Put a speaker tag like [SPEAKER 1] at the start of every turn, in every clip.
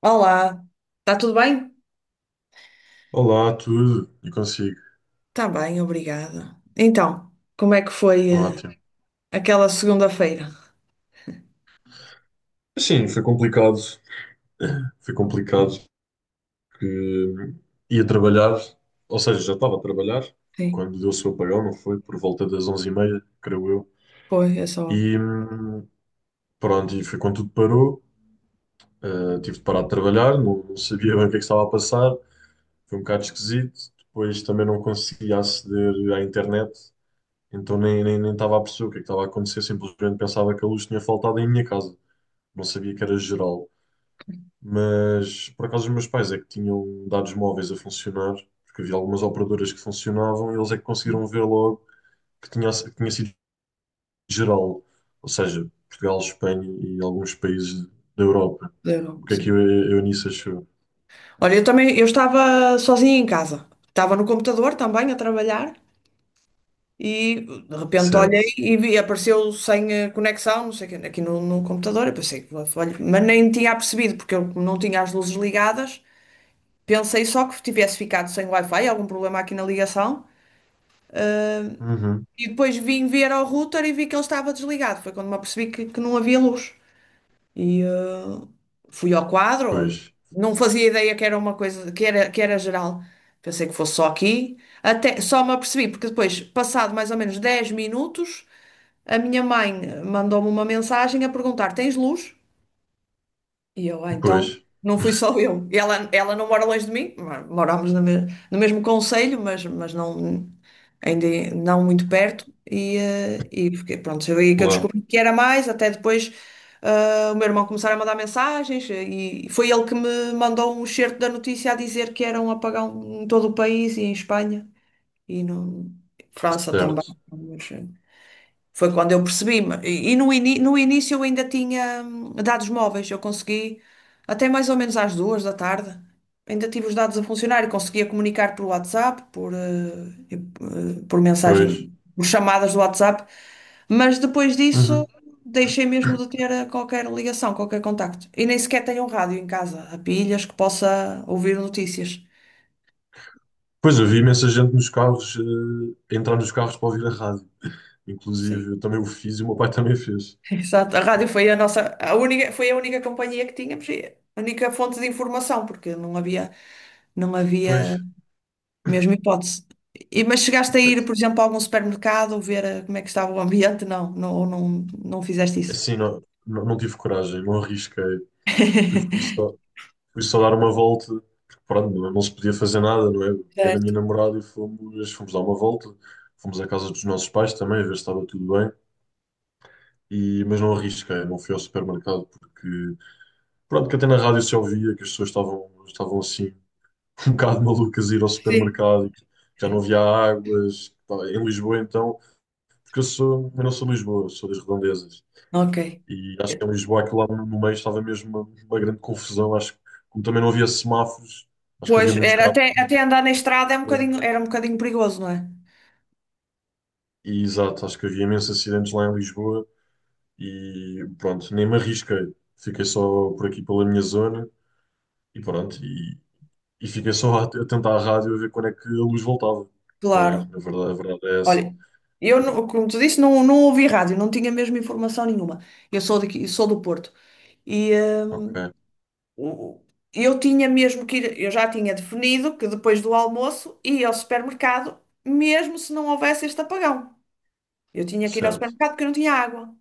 [SPEAKER 1] Olá, está tudo bem?
[SPEAKER 2] Olá, tudo? E consigo?
[SPEAKER 1] Está bem, obrigada. Então, como é que foi
[SPEAKER 2] Ótimo.
[SPEAKER 1] aquela segunda-feira?
[SPEAKER 2] Sim, foi complicado. Foi complicado porque ia trabalhar, ou seja, já estava a trabalhar
[SPEAKER 1] Sim,
[SPEAKER 2] quando deu o seu apagão, não foi? Por volta das 11h30, creio eu.
[SPEAKER 1] foi, é só.
[SPEAKER 2] E pronto, e foi quando tudo parou. Ah, tive de parar de trabalhar, não, não sabia bem o que é que estava a passar. Foi um bocado esquisito. Depois também não conseguia aceder à internet, então nem estava a perceber o que é que estava a acontecer. Simplesmente pensava que a luz tinha faltado em minha casa. Não sabia que era geral. Mas por acaso os meus pais é que tinham dados móveis a funcionar, porque havia algumas operadoras que funcionavam e eles é que conseguiram ver logo que tinha sido geral, ou seja, Portugal, Espanha e alguns países da Europa.
[SPEAKER 1] Zero,
[SPEAKER 2] O que é que
[SPEAKER 1] sim.
[SPEAKER 2] a Eunice achou?
[SPEAKER 1] Olha, eu também, eu estava sozinha em casa. Estava no computador também a trabalhar e de repente olhei
[SPEAKER 2] Certo.
[SPEAKER 1] e vi, apareceu sem conexão, não sei o quê, aqui no computador. Eu pensei, olha, mas nem tinha percebido porque eu não tinha as luzes ligadas. Pensei só que tivesse ficado sem Wi-Fi, algum problema aqui na ligação. ah,
[SPEAKER 2] Uhum.
[SPEAKER 1] e depois vim ver ao router e vi que ele estava desligado. Foi quando me apercebi que não havia luz. E fui ao
[SPEAKER 2] Pois,
[SPEAKER 1] quadro. Não fazia ideia que era uma coisa, que era geral. Pensei que fosse só aqui. Até, só me apercebi, porque depois, passado mais ou menos 10 minutos, a minha mãe mandou-me uma mensagem a perguntar: Tens luz? E eu, então,
[SPEAKER 2] pois,
[SPEAKER 1] não fui só eu. E ela não mora longe de mim, morámos no mesmo concelho, mas não, ainda é, não muito perto. E fiquei, pronto, foi aí que eu
[SPEAKER 2] claro,
[SPEAKER 1] descobri que era mais, até depois o meu irmão começar a mandar mensagens e foi ele que me mandou um excerto da notícia a dizer que era um apagão em todo o país e em Espanha e no França também.
[SPEAKER 2] certo,
[SPEAKER 1] Foi quando eu percebi. E no início eu ainda tinha dados móveis. Eu consegui, até mais ou menos às 2 da tarde, ainda tive os dados a funcionar e conseguia comunicar por WhatsApp, por, eh, e- eh, por
[SPEAKER 2] pois.
[SPEAKER 1] mensagem, por chamadas do WhatsApp. Mas depois disso
[SPEAKER 2] Uhum.
[SPEAKER 1] deixei mesmo de ter qualquer ligação, qualquer contacto. E nem sequer tenho um rádio em casa, a pilhas, que possa ouvir notícias.
[SPEAKER 2] Pois, eu vi imensa gente nos carros, eh, entrar nos carros para ouvir a rádio.
[SPEAKER 1] Sim.
[SPEAKER 2] Inclusive, eu também o fiz e o meu pai também fez.
[SPEAKER 1] Exato, a rádio foi a nossa, a única, foi a única companhia que tínhamos, e a única fonte de informação, porque não havia, não
[SPEAKER 2] Pois,
[SPEAKER 1] havia mesmo hipótese. E, mas chegaste a ir, por exemplo, a algum supermercado ver como é que estava o ambiente? Não, não, ou não fizeste isso.
[SPEAKER 2] assim, não, não, não tive coragem, não arrisquei. Eu fui só, fui só dar uma volta, porque pronto, não, não se podia fazer nada, não é? Peguei na minha
[SPEAKER 1] Certo.
[SPEAKER 2] namorada e fomos, fomos dar uma volta. Fomos à casa dos nossos pais também, a ver se estava tudo bem. E, mas não arrisquei, não fui ao supermercado, porque pronto, que até na rádio se ouvia que as pessoas estavam, estavam assim, um bocado malucas a ir ao
[SPEAKER 1] Sim.
[SPEAKER 2] supermercado e que já não havia águas. Pá, em Lisboa, então, porque eu sou, eu não sou de Lisboa, sou das redondezas.
[SPEAKER 1] Ok.
[SPEAKER 2] E acho que em Lisboa, aquilo lá no meio estava mesmo uma grande confusão. Acho que, como também não havia semáforos, acho que
[SPEAKER 1] Pois,
[SPEAKER 2] havia muitos
[SPEAKER 1] era
[SPEAKER 2] carros,
[SPEAKER 1] até
[SPEAKER 2] muitos
[SPEAKER 1] andar na estrada é um bocadinho,
[SPEAKER 2] acidentes.
[SPEAKER 1] era um bocadinho perigoso, não é?
[SPEAKER 2] E exato, acho que havia imensos acidentes lá em Lisboa. E pronto, nem me arrisquei. Fiquei só por aqui pela minha zona e pronto. E fiquei só a tentar a rádio a ver quando é que a luz voltava. Não é?
[SPEAKER 1] Claro.
[SPEAKER 2] Na verdade, a verdade é essa.
[SPEAKER 1] Olha, eu, como tu disse, não ouvi rádio, não tinha mesmo informação nenhuma. Eu sou daqui, sou do Porto. E
[SPEAKER 2] Ok,
[SPEAKER 1] O- eu tinha mesmo que ir, eu já tinha definido que depois do almoço ia ao supermercado, mesmo se não houvesse este apagão. Eu tinha que ir ao
[SPEAKER 2] certo.
[SPEAKER 1] supermercado porque eu não tinha água.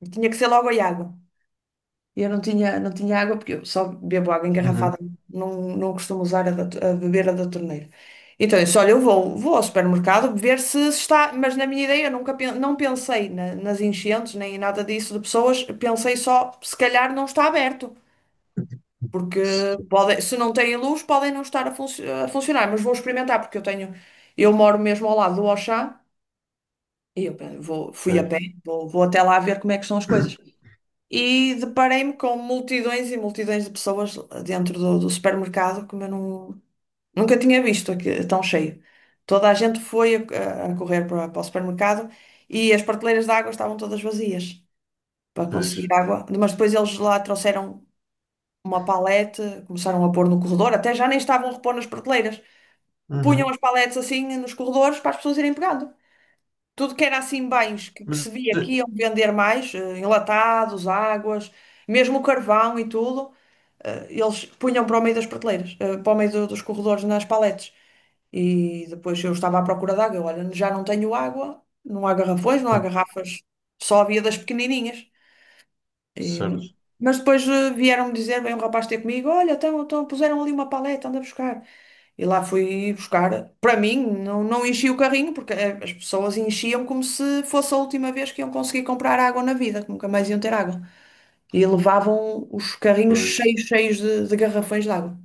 [SPEAKER 1] E tinha que ser logo a água. E eu não tinha água porque eu só bebo água
[SPEAKER 2] Uhum.
[SPEAKER 1] engarrafada, não costumo usar a beber a da torneira. Então, eu disse, olha, eu vou, ao supermercado ver se está, mas na minha ideia eu nunca não pensei nas enchentes nem em nada disso de pessoas, pensei só, se calhar não está aberto. Porque
[SPEAKER 2] Sim,
[SPEAKER 1] podem, se não têm luz, podem não estar a funcionar, mas vou experimentar, porque eu tenho, eu moro mesmo ao lado do Auchan e eu vou, fui a
[SPEAKER 2] ok.
[SPEAKER 1] pé, vou até lá ver como é que são as coisas. E deparei-me com multidões e multidões de pessoas dentro do supermercado que eu não, nunca tinha visto aqui, tão cheio. Toda a gente foi a correr para o supermercado e as prateleiras de água estavam todas vazias para
[SPEAKER 2] Pois.
[SPEAKER 1] conseguir água, mas depois eles lá trouxeram uma palete, começaram a pôr no corredor, até já nem estavam a repor nas prateleiras. Punham
[SPEAKER 2] Uhum.
[SPEAKER 1] as paletes assim nos corredores para as pessoas irem pegando. Tudo que era assim bens que se
[SPEAKER 2] Mas.
[SPEAKER 1] via aqui
[SPEAKER 2] é-
[SPEAKER 1] iam vender mais, enlatados, águas, mesmo o carvão e tudo, eles punham para o meio das prateleiras, para o meio dos corredores nas paletes. E depois eu estava à procura de água. Olha, já não tenho água, não há garrafões, não há
[SPEAKER 2] ah,
[SPEAKER 1] garrafas, só havia das pequenininhas. E-
[SPEAKER 2] certo.
[SPEAKER 1] mas depois vieram-me dizer, veio um rapaz ter comigo, olha, então puseram ali uma paleta, anda buscar. E lá fui buscar. Para mim, não enchi o carrinho, porque as pessoas enchiam como se fosse a última vez que iam conseguir comprar água na vida, que nunca mais iam ter água. E levavam os carrinhos
[SPEAKER 2] Pois.
[SPEAKER 1] cheios, cheios de garrafões de água.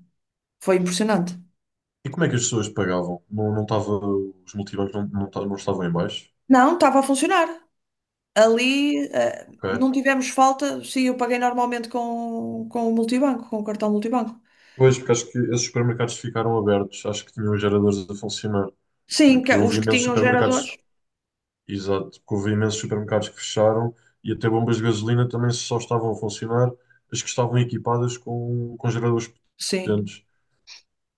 [SPEAKER 1] Foi impressionante.
[SPEAKER 2] E como é que as pessoas pagavam? Não, não estava, os multibancos não, não estavam em baixo?
[SPEAKER 1] Não, estava a funcionar. Ali,
[SPEAKER 2] Ok.
[SPEAKER 1] não tivemos falta. Sim, eu paguei normalmente com o multibanco, com o cartão multibanco.
[SPEAKER 2] Pois, porque acho que esses supermercados ficaram abertos, acho que tinham os geradores a funcionar,
[SPEAKER 1] Sim,
[SPEAKER 2] porque
[SPEAKER 1] os
[SPEAKER 2] houve
[SPEAKER 1] que
[SPEAKER 2] imensos
[SPEAKER 1] tinham geradores.
[SPEAKER 2] supermercados, exato, porque houve imensos supermercados que fecharam e até bombas de gasolina também só estavam a funcionar as que estavam equipadas com geradores
[SPEAKER 1] Sim,
[SPEAKER 2] potentes,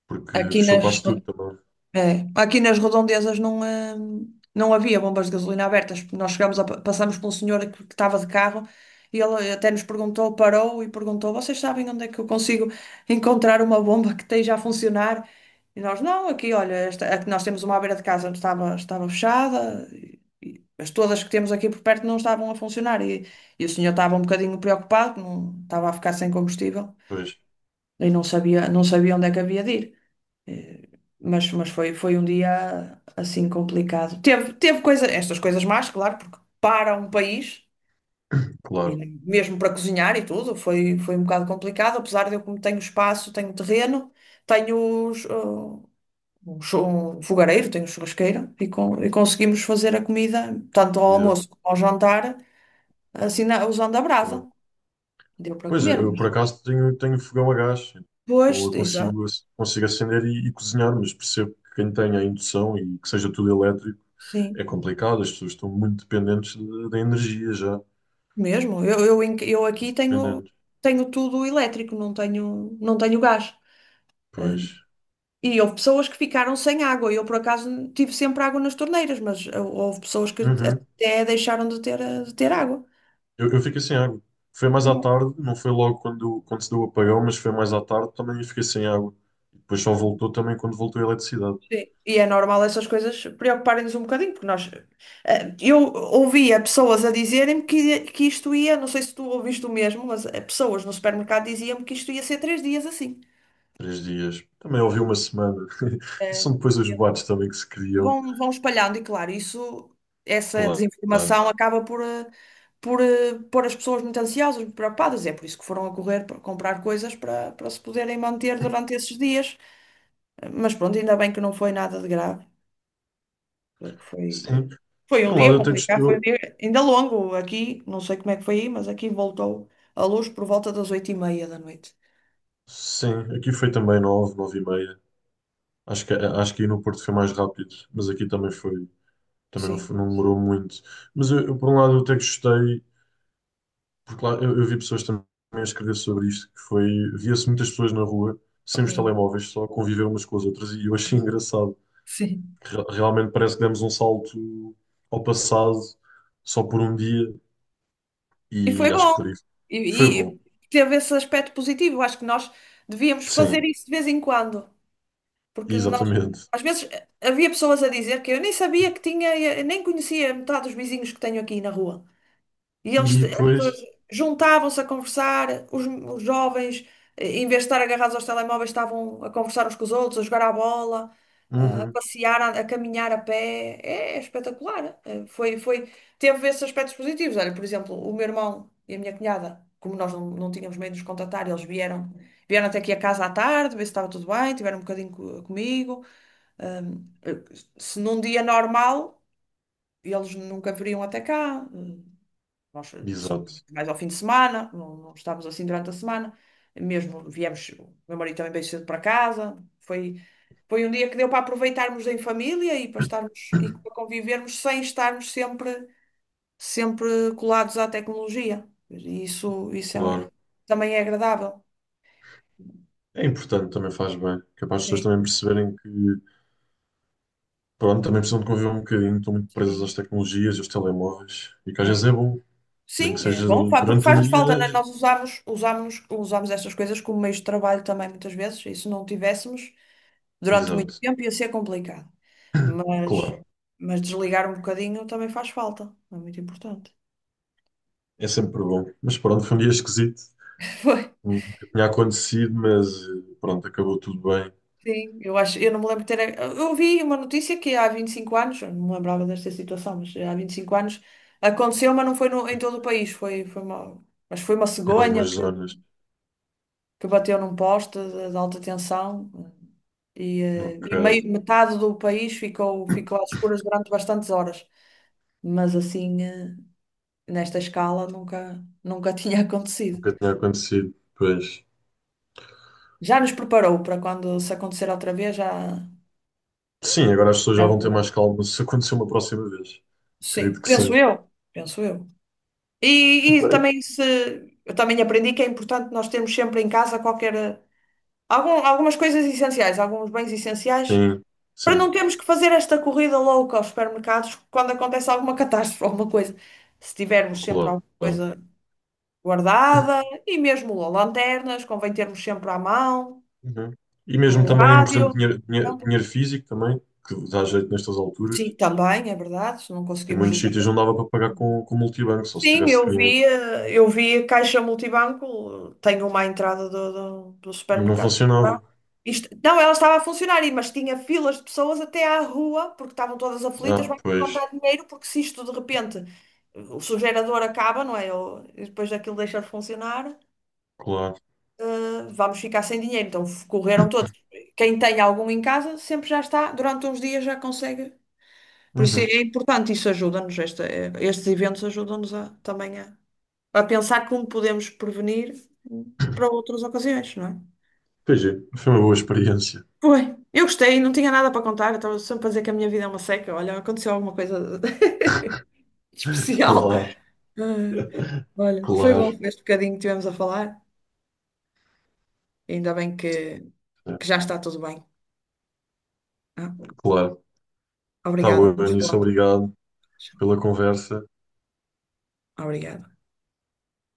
[SPEAKER 2] porque
[SPEAKER 1] aqui
[SPEAKER 2] fechou quase tudo também.
[SPEAKER 1] nas redondezas não havia bombas de gasolina abertas. Nós chegámos passamos por um senhor que estava de carro e ele até nos perguntou, parou e perguntou: Vocês sabem onde é que eu consigo encontrar uma bomba que esteja a funcionar? E nós, não, aqui, olha, esta, a que nós temos uma à beira de casa estava fechada, e as todas que temos aqui por perto não estavam a funcionar. E o senhor estava um bocadinho preocupado, não, estava a ficar sem combustível
[SPEAKER 2] Pois,
[SPEAKER 1] e não sabia onde é que havia de ir. Eh, mas foi um dia assim complicado. Teve coisa, estas coisas más, claro, porque para um país, e
[SPEAKER 2] claro.
[SPEAKER 1] mesmo para cozinhar e tudo, foi um bocado complicado, apesar de eu como tenho espaço, tenho terreno, tenho um fogareiro, tenho churrasqueira e conseguimos fazer a comida, tanto ao
[SPEAKER 2] E deu,
[SPEAKER 1] almoço como ao jantar, assim usando a brasa.
[SPEAKER 2] claro.
[SPEAKER 1] Deu para
[SPEAKER 2] Pois,
[SPEAKER 1] comer,
[SPEAKER 2] eu
[SPEAKER 1] mas.
[SPEAKER 2] por acaso tenho, tenho fogão a gás,
[SPEAKER 1] Pois,
[SPEAKER 2] então eu
[SPEAKER 1] exato,
[SPEAKER 2] consigo, consigo acender e cozinhar, mas percebo que quem tenha a indução e que seja tudo elétrico é
[SPEAKER 1] sim.
[SPEAKER 2] complicado, as pessoas estão muito dependentes da energia já,
[SPEAKER 1] Mesmo, eu aqui tenho,
[SPEAKER 2] dependentes.
[SPEAKER 1] tenho tudo elétrico, não tenho gás. Eh,
[SPEAKER 2] Pois.
[SPEAKER 1] E houve pessoas que ficaram sem água. Eu, por acaso, tive sempre água nas torneiras, mas houve pessoas que
[SPEAKER 2] Uhum.
[SPEAKER 1] até deixaram de ter água.
[SPEAKER 2] Eu fiquei sem água. Foi mais à
[SPEAKER 1] Não.
[SPEAKER 2] tarde, não foi logo quando, quando se deu o apagão, mas foi mais à tarde também eu fiquei sem água. E depois só voltou também quando voltou a eletricidade.
[SPEAKER 1] Sim. E é normal essas coisas preocuparem-nos um bocadinho, porque nós. Eu ouvia pessoas a dizerem-me que isto ia, não sei se tu ouviste o mesmo, mas pessoas no supermercado diziam-me que isto ia ser 3 dias assim.
[SPEAKER 2] 3 dias. Também ouvi uma semana. E
[SPEAKER 1] Ah,
[SPEAKER 2] são depois os boatos também que se criam.
[SPEAKER 1] vão espalhando e claro, isso, essa
[SPEAKER 2] Claro.
[SPEAKER 1] desinformação acaba por pôr as pessoas muito ansiosas, muito preocupadas, é por isso que foram a correr para comprar coisas para se poderem manter durante esses dias, mas pronto, ainda bem que não foi nada de grave, foi,
[SPEAKER 2] Sim.
[SPEAKER 1] foi
[SPEAKER 2] Por
[SPEAKER 1] um
[SPEAKER 2] um lado,
[SPEAKER 1] dia
[SPEAKER 2] eu tenho que.
[SPEAKER 1] complicado, foi um
[SPEAKER 2] Eu,
[SPEAKER 1] dia ainda longo aqui, não sei como é que foi aí, mas aqui voltou a luz por volta das 20h30 da noite,
[SPEAKER 2] sim, aqui foi também 9 9 e meia. Acho que aí no Porto foi mais rápido, mas aqui também foi. Também não,
[SPEAKER 1] sim,
[SPEAKER 2] não demorou muito. Mas eu, por um lado, eu até gostei, porque lá eu vi pessoas também a escrever sobre isto, que foi. Via-se muitas pessoas na rua, sem os
[SPEAKER 1] sim,
[SPEAKER 2] telemóveis, só a conviver umas com as outras, e eu achei engraçado.
[SPEAKER 1] sim.
[SPEAKER 2] Realmente parece que demos um salto ao passado só por um dia,
[SPEAKER 1] E
[SPEAKER 2] e
[SPEAKER 1] foi
[SPEAKER 2] acho
[SPEAKER 1] bom.
[SPEAKER 2] que por isso foi
[SPEAKER 1] E,
[SPEAKER 2] bom.
[SPEAKER 1] e teve esse aspecto positivo. Acho que nós devíamos
[SPEAKER 2] Sim,
[SPEAKER 1] fazer isso de vez em quando. Porque nós,
[SPEAKER 2] exatamente.
[SPEAKER 1] às vezes, havia pessoas a dizer que eu nem sabia que tinha, eu nem conhecia metade dos vizinhos que tenho aqui na rua. E
[SPEAKER 2] E
[SPEAKER 1] eles, as pessoas
[SPEAKER 2] depois.
[SPEAKER 1] juntavam-se a conversar, os jovens, em vez de estar agarrados aos telemóveis, estavam a conversar uns com os outros, a jogar à bola, a
[SPEAKER 2] Uhum,
[SPEAKER 1] passear, a caminhar a pé. É, espetacular. Foi, teve esses aspectos positivos. Olha, por exemplo, o meu irmão e a minha cunhada, como nós não tínhamos meio de nos contatar, eles vieram até aqui a casa à tarde, ver se estava tudo bem, tiveram um bocadinho comigo. Ahm, eh, se num dia normal, eles nunca viriam até cá. Nós só
[SPEAKER 2] exato.
[SPEAKER 1] mais ao fim de semana, não estávamos assim durante a semana. Mesmo viemos, o meu marido também veio cedo para casa. Foi um dia que deu para aproveitarmos em família e para estarmos e para convivermos sem estarmos sempre, sempre colados à tecnologia. E isso
[SPEAKER 2] Claro.
[SPEAKER 1] também é agradável.
[SPEAKER 2] É importante, também faz bem. Capaz as pessoas
[SPEAKER 1] Sim,
[SPEAKER 2] também perceberem que, pronto, também precisam de conviver um bocadinho, estão muito presas
[SPEAKER 1] sim.
[SPEAKER 2] às tecnologias, aos telemóveis, e que às vezes
[SPEAKER 1] É.
[SPEAKER 2] é bom, nem
[SPEAKER 1] Sim,
[SPEAKER 2] que
[SPEAKER 1] é
[SPEAKER 2] seja
[SPEAKER 1] bom, porque
[SPEAKER 2] durante um
[SPEAKER 1] faz-nos falta, né?
[SPEAKER 2] dia.
[SPEAKER 1] Nós usamos estas coisas como meios de trabalho também muitas vezes, e se não tivéssemos. Durante muito
[SPEAKER 2] Exato,
[SPEAKER 1] tempo ia ser complicado, mas,
[SPEAKER 2] claro.
[SPEAKER 1] mas desligar um bocadinho também faz falta, é muito importante.
[SPEAKER 2] É sempre bom. Mas pronto, foi um dia esquisito.
[SPEAKER 1] Foi,
[SPEAKER 2] Nunca tinha acontecido, mas eh, pronto, acabou tudo bem
[SPEAKER 1] sim, eu acho, eu não me lembro de ter. Eu vi uma notícia que há 25 anos, eu não me lembrava desta situação, mas há 25 anos aconteceu, mas não foi em todo o país, foi uma, mas foi uma
[SPEAKER 2] em
[SPEAKER 1] cegonha
[SPEAKER 2] algumas
[SPEAKER 1] que,
[SPEAKER 2] zonas.
[SPEAKER 1] que bateu num poste de alta tensão e, eh,
[SPEAKER 2] Ok,
[SPEAKER 1] e metade do país ficou às escuras durante bastantes horas, mas assim. Nesta escala nunca, nunca tinha acontecido.
[SPEAKER 2] nunca tinha acontecido. Pois.
[SPEAKER 1] Já nos preparou para quando se acontecer outra vez,
[SPEAKER 2] Sim, agora as pessoas já
[SPEAKER 1] já-
[SPEAKER 2] vão ter mais calma se acontecer uma próxima vez.
[SPEAKER 1] sim,
[SPEAKER 2] Acredito que
[SPEAKER 1] penso
[SPEAKER 2] sim.
[SPEAKER 1] eu, penso eu. E
[SPEAKER 2] Pois.
[SPEAKER 1] também se eu também aprendi que é importante nós termos sempre em casa algumas coisas essenciais, alguns bens essenciais,
[SPEAKER 2] Sim,
[SPEAKER 1] para não
[SPEAKER 2] sim,
[SPEAKER 1] termos que fazer esta corrida louca aos supermercados quando acontece alguma catástrofe, alguma coisa. Se tivermos sempre
[SPEAKER 2] claro.
[SPEAKER 1] alguma coisa guardada e mesmo lanternas, convém termos sempre à mão.
[SPEAKER 2] Uhum. E mesmo
[SPEAKER 1] Um
[SPEAKER 2] também, por exemplo,
[SPEAKER 1] rádio.
[SPEAKER 2] dinheiro,
[SPEAKER 1] Não.
[SPEAKER 2] dinheiro físico também, que dá jeito nestas
[SPEAKER 1] Sim,
[SPEAKER 2] alturas.
[SPEAKER 1] também, é verdade, se não
[SPEAKER 2] Em
[SPEAKER 1] conseguimos
[SPEAKER 2] muitos
[SPEAKER 1] usar.
[SPEAKER 2] sítios não dava para pagar com multibanco, só se
[SPEAKER 1] Sim,
[SPEAKER 2] tivesse
[SPEAKER 1] eu
[SPEAKER 2] dinheiro.
[SPEAKER 1] vi, eh, eu vi a caixa multibanco, tenho uma à entrada do
[SPEAKER 2] E não
[SPEAKER 1] supermercado.
[SPEAKER 2] funcionava.
[SPEAKER 1] Não, ela estava a funcionar, mas tinha filas de pessoas até à rua, porque estavam todas aflitas,
[SPEAKER 2] Ah,
[SPEAKER 1] vão
[SPEAKER 2] pois,
[SPEAKER 1] levantar dinheiro, porque se isto de repente o seu gerador acaba, não é? E depois daquilo deixa de funcionar,
[SPEAKER 2] claro.
[SPEAKER 1] eh, vamos ficar sem dinheiro. Então correram todos. Quem tem algum em casa sempre já está, durante uns dias já consegue. Por isso
[SPEAKER 2] Uhum.
[SPEAKER 1] é importante, isso ajuda-nos, estes eventos ajudam-nos também a pensar como podemos prevenir para outras ocasiões, não é?
[SPEAKER 2] Pois é, foi uma boa experiência.
[SPEAKER 1] Foi. Eu gostei, não tinha nada para contar, eu estava sempre a dizer que a minha vida é uma seca. Olha, aconteceu alguma coisa especial.
[SPEAKER 2] Claro,
[SPEAKER 1] Ah, olha, foi bom
[SPEAKER 2] claro,
[SPEAKER 1] este bocadinho que tivemos a falar. Ainda bem que,
[SPEAKER 2] é,
[SPEAKER 1] que já está tudo bem. Ah,
[SPEAKER 2] claro. Está
[SPEAKER 1] obrigada,
[SPEAKER 2] bom,
[SPEAKER 1] vamos
[SPEAKER 2] Anísio,
[SPEAKER 1] falando.
[SPEAKER 2] obrigado pela conversa.
[SPEAKER 1] Obrigada.